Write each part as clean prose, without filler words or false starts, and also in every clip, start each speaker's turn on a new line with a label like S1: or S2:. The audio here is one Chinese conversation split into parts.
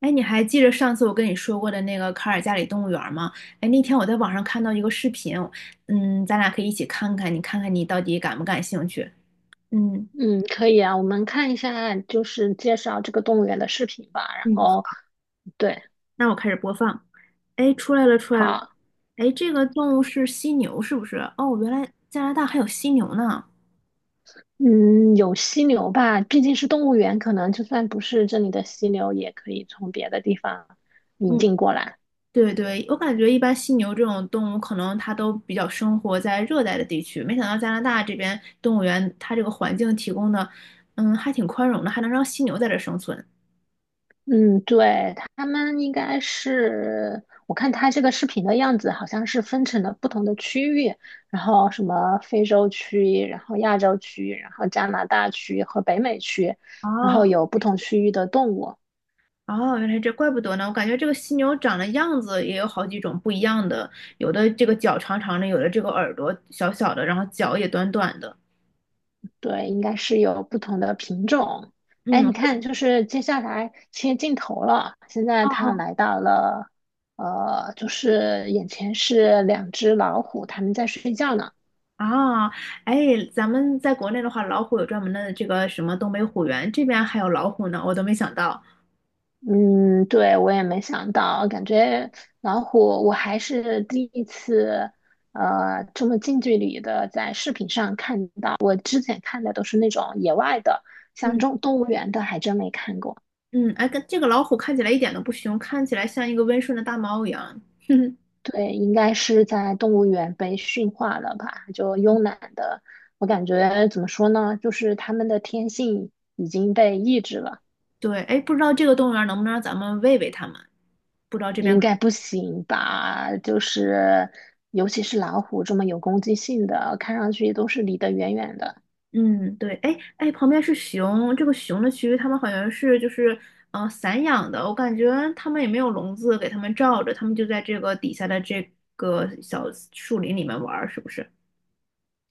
S1: 哎，你还记得上次我跟你说过的那个卡尔加里动物园儿吗？哎，那天我在网上看到一个视频，咱俩可以一起看看，你看看你到底感不感兴趣？嗯。
S2: 嗯，可以啊，我们看一下就是介绍这个动物园的视频吧。然
S1: 嗯，
S2: 后，对，
S1: 那我开始播放。哎，出来了，出来了。
S2: 好，
S1: 哎，这个动物是犀牛，是不是？哦，原来加拿大还有犀牛呢。
S2: 嗯，有犀牛吧，毕竟是动物园，可能就算不是这里的犀牛，也可以从别的地方引
S1: 嗯，
S2: 进过来。
S1: 对对，我感觉一般犀牛这种动物，可能它都比较生活在热带的地区。没想到加拿大这边动物园，它这个环境提供的，还挺宽容的，还能让犀牛在这生存。
S2: 嗯，对，他们应该是，我看他这个视频的样子，好像是分成了不同的区域，然后什么非洲区，然后亚洲区，然后加拿大区和北美区，然后
S1: 哦
S2: 有不同区域的动物。
S1: 哦，原来怪不得呢。我感觉这个犀牛长的样子也有好几种不一样的，有的这个脚长长的，有的这个耳朵小小的，然后脚也短短的。
S2: 对，应该是有不同的品种。哎，
S1: 嗯，哦
S2: 你看，就是接下来切镜头了，现在它
S1: 哦
S2: 来到了，就是眼前是两只老虎，它们在睡觉呢。
S1: 啊。哎，咱们在国内的话，老虎有专门的这个什么东北虎园，这边还有老虎呢，我都没想到。
S2: 嗯，对，我也没想到，感觉老虎，我还是第一次，这么近距离的在视频上看到。我之前看的都是那种野外的，像
S1: 嗯
S2: 这种动物园的还真没看过。
S1: 嗯。哎，跟这个老虎看起来一点都不凶，看起来像一个温顺的大猫一样。哼哼，
S2: 对，应该是在动物园被驯化了吧？就慵懒的，我感觉怎么说呢，就是它们的天性已经被抑制了，
S1: 对。哎，不知道这个动物园能不能让咱们喂喂它们？不知道这边。
S2: 应该不行吧？就是尤其是老虎这么有攻击性的，看上去都是离得远远的。
S1: 嗯，对。哎哎，旁边是熊，这个熊的区域,它们好像是散养的，我感觉它们也没有笼子给它们罩着，它们就在这个底下的这个小树林里面玩儿，是不是？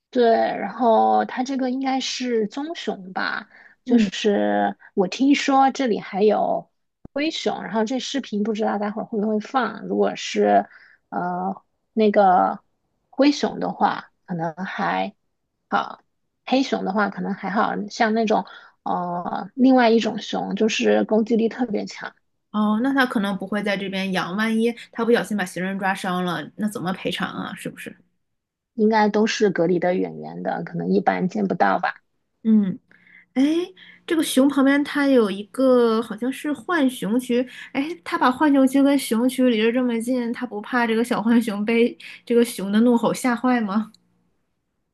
S2: 对，然后它这个应该是棕熊吧，就
S1: 嗯。
S2: 是我听说这里还有灰熊，然后这视频不知道待会儿会不会放。如果是呃那个灰熊的话，可能还好；黑熊的话可能还好，像那种另外一种熊，就是攻击力特别强，
S1: 哦，那它可能不会在这边养，万一它不小心把行人抓伤了，那怎么赔偿啊？是不是？
S2: 应该都是隔离的远远的，可能一般见不到吧。
S1: 嗯。哎，这个熊旁边它有一个好像是浣熊区，哎，它把浣熊区跟熊区离得这么近，它不怕这个小浣熊被这个熊的怒吼吓坏吗？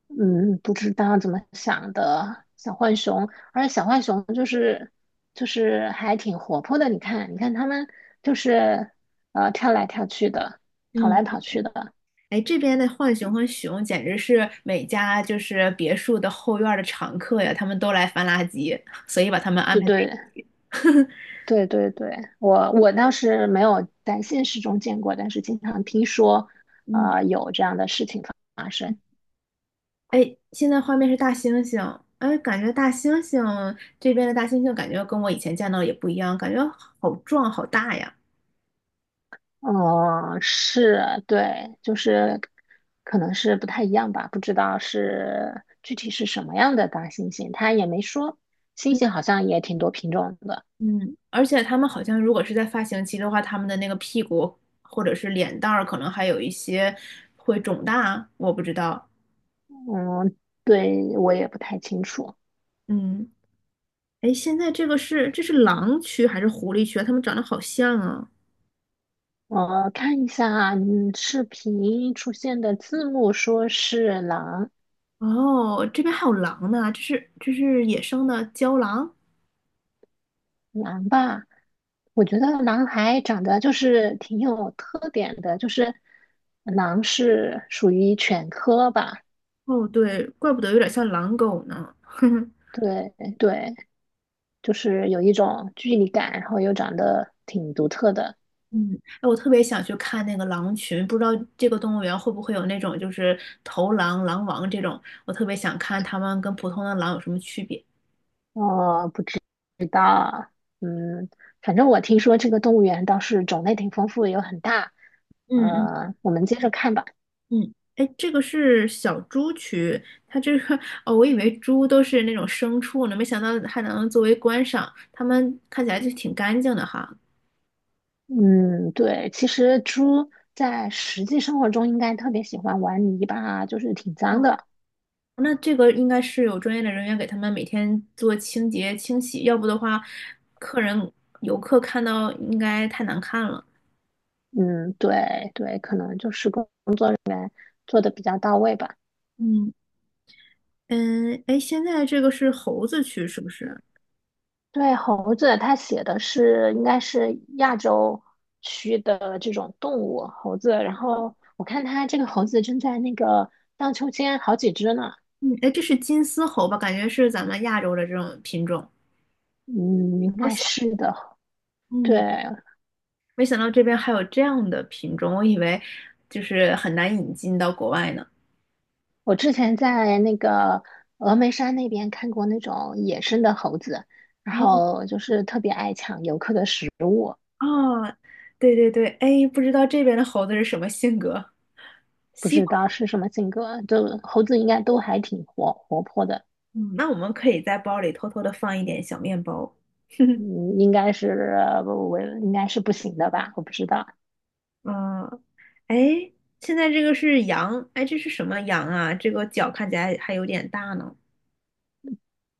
S2: 嗯，不知道怎么想的小浣熊，而且小浣熊就是还挺活泼的。你看，你看它们就是跳来跳去的，跑
S1: 嗯。
S2: 来跑去的。
S1: 哎，这边的浣熊和熊简直是每家别墅的后院儿的常客呀，他们都来翻垃圾，所以把他们安
S2: 对
S1: 排在。
S2: 对对对对，我倒是没有在现实中见过，但是经常听说
S1: 嗯。
S2: 有这样的事情发生。
S1: 哎，现在画面是大猩猩，哎，感觉大猩猩这边的大猩猩感觉跟我以前见到的也不一样，感觉好壮好大呀。
S2: 哦，是，对，就是可能是不太一样吧，不知道是具体是什么样的大猩猩，他也没说。猩
S1: 嗯
S2: 猩好像也挺多品种的，
S1: 嗯。而且他们好像如果是在发情期的话，他们的那个屁股或者是脸蛋儿可能还有一些会肿大，我不知道。
S2: 嗯，对，我也不太清楚。
S1: 嗯。哎，现在这个是狼区还是狐狸区啊？它们长得好像啊。
S2: 我看一下，嗯，视频出现的字幕说是狼，
S1: 哦，这边还有狼呢，这是野生的郊狼。
S2: 狼吧，我觉得狼还长得就是挺有特点的，就是狼是属于犬科吧，
S1: 哦，对，怪不得有点像狼狗呢。
S2: 对对。就是有一种距离感，然后又长得挺独特的。
S1: 嗯。哎，我特别想去看那个狼群，不知道这个动物园会不会有那种头狼、狼王这种，我特别想看它们跟普通的狼有什么区别。
S2: 哦，不知道啊。嗯，反正我听说这个动物园倒是种类挺丰富，有很大。
S1: 嗯
S2: 我们接着看吧。
S1: 嗯。哎，这个是小猪区，它这个 哦，我以为猪都是那种牲畜呢，没想到还能作为观赏，它们看起来就挺干净的哈。
S2: 嗯，对，其实猪在实际生活中应该特别喜欢玩泥巴啊就是挺脏
S1: 哦，
S2: 的。
S1: 那这个应该是有专业的人员给他们每天做清洁清洗，要不的话，客人游客看到应该太难看了。
S2: 嗯，对，可能就是工作的比较到位吧。
S1: 嗯嗯。哎，现在这个是猴子区是不是？
S2: 对，猴子它写的是应该是亚洲区的这种动物猴子，然后我看它这个猴子正在那个荡秋千好几只呢，
S1: 嗯。哎，这是金丝猴吧？感觉是咱们亚洲的这种品种，
S2: 嗯，应
S1: 好
S2: 该
S1: 小。
S2: 是的。对，
S1: 嗯，没想到这边还有这样的品种，我以为很难引进到国外呢。
S2: 我之前在那个峨眉山那边看过那种野生的猴子，然
S1: 哦
S2: 后就是特别爱抢游客的食物，
S1: 哦，对对对。哎，不知道这边的猴子是什么性格。
S2: 不
S1: 西
S2: 知
S1: 瓜。
S2: 道是什么性格，就猴子应该都还挺活泼的，
S1: 嗯，那我们可以在包里偷偷的放一点小面包。
S2: 嗯，应该是不行的吧，我不知道。
S1: 嗯。哎，现在这个是羊，哎，这是什么羊啊？这个角看起来还有点大呢。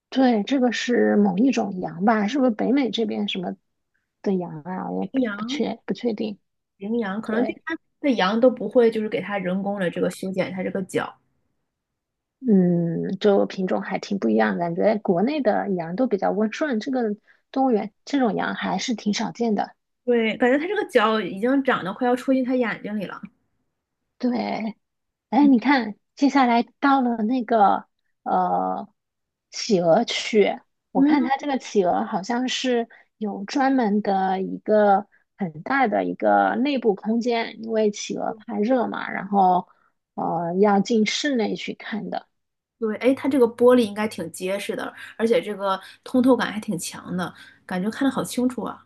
S2: 对，这个是某一种羊吧？是不是北美这边什么的羊啊？我
S1: 羚
S2: 也不不
S1: 羊，
S2: 确不确定。
S1: 羚羊，可能这
S2: 对，
S1: 边的羊都不会，给它人工的这个修剪它这个角。
S2: 嗯，就品种还挺不一样，感觉国内的羊都比较温顺，这个动物园这种羊还是挺少见的。
S1: 对，感觉它这个角已经长得快要戳进它眼睛里了。
S2: 对，哎，你看，接下来到了那个呃企鹅区，我看
S1: 嗯，
S2: 它这个企鹅好像是有专门的一个很大的一个内部空间，因为企鹅怕热嘛，然后要进室内去看的。
S1: 对。哎，它这个玻璃应该挺结实的，而且这个通透感还挺强的，感觉看的好清楚啊。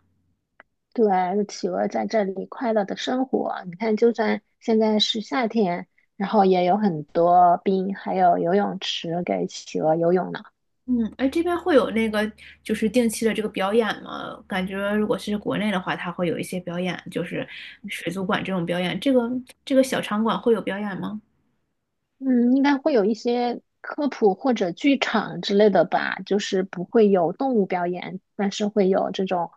S2: 对，企鹅在这里快乐的生活。你看，就算现在是夏天，然后也有很多冰，还有游泳池给企鹅游泳呢。
S1: 嗯。哎，这边会有那个定期的这个表演吗？感觉如果是国内的话，它会有一些表演，水族馆这种表演。这个小场馆会有表演吗？
S2: 嗯，应该会有一些科普或者剧场之类的吧，就是不会有动物表演，但是会有这种，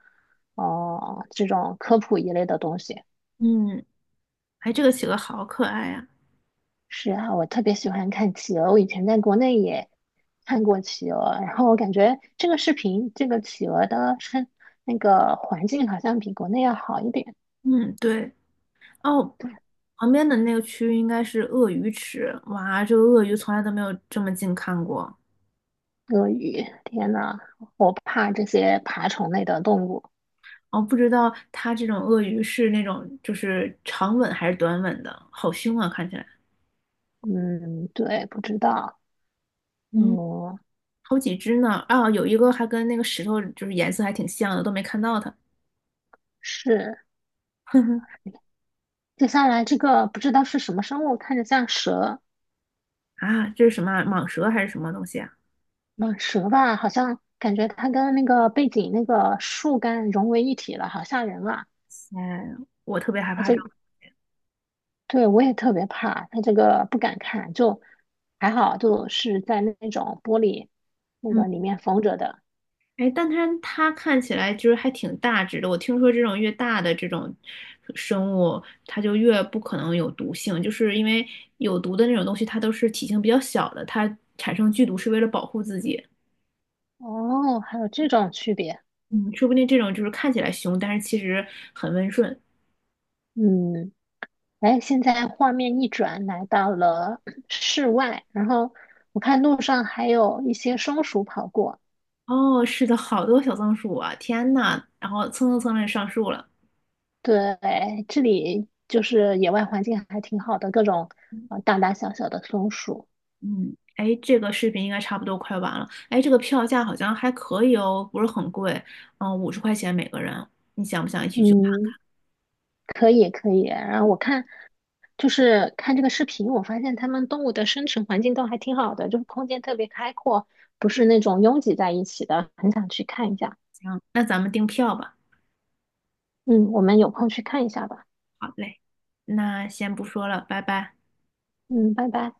S2: 哦、这种科普一类的东西。
S1: 嗯。哎，这个企鹅好可爱呀、
S2: 是啊，我特别喜欢看企鹅，我以前在国内也看过企鹅，然后我感觉这个视频，这个企鹅的生那个环境好像比国内要好一点。
S1: 嗯，对。哦，旁边的那个区域应该是鳄鱼池，哇，这个鳄鱼从来都没有这么近看过。
S2: 鳄鱼，天呐，我怕这些爬虫类的动物。
S1: 哦，不知道它这种鳄鱼是那种长吻还是短吻的，好凶啊，看起来。
S2: 嗯，对，不知道。
S1: 嗯，
S2: 嗯，
S1: 好几只呢，啊，有一个还跟那个石头颜色还挺像的，都没看到它
S2: 是。接下来这个不知道是什么生物，看着像蛇，
S1: 啊，这是什么啊蟒蛇还是什么东西啊？
S2: 蟒蛇吧，好像感觉它跟那个背景那个树干融为一体了，好吓人啊！
S1: 哎，我特别害
S2: 它
S1: 怕这
S2: 这，
S1: 种。
S2: 对，我也特别怕，它这个不敢看，就还好，就是在那种玻璃那
S1: 嗯。
S2: 个里面缝着的。
S1: 哎，但它看起来还挺大只的，我听说这种越大的这种生物，它就越不可能有毒性，因为有毒的那种东西，它都是体型比较小的，它产生剧毒是为了保护自己。
S2: 哦，还有这种区别，
S1: 嗯，说不定这种看起来凶，但是其实很温顺。
S2: 嗯，哎，现在画面一转，来到了 室外，然后我看路上还有一些松鼠跑过。
S1: 哦，是的，好多小松鼠啊，天呐，然后蹭蹭蹭的上树了。
S2: 对，这里就是野外环境还挺好的，各种大大小小的松鼠。
S1: 嗯。哎，这个视频应该差不多快完了。哎，这个票价好像还可以哦，不是很贵，嗯，50块钱每个人。你想不想一起去看？
S2: 嗯，可以可以。然后我看就是看这个视频，我发现他们动物的生存环境都还挺好的，就是空间特别开阔，不是那种拥挤在一起的，很想去看一下。
S1: 行，那咱们订票吧。
S2: 嗯，我们有空去看一下吧。
S1: 好嘞，那先不说了，拜拜。
S2: 嗯，拜拜。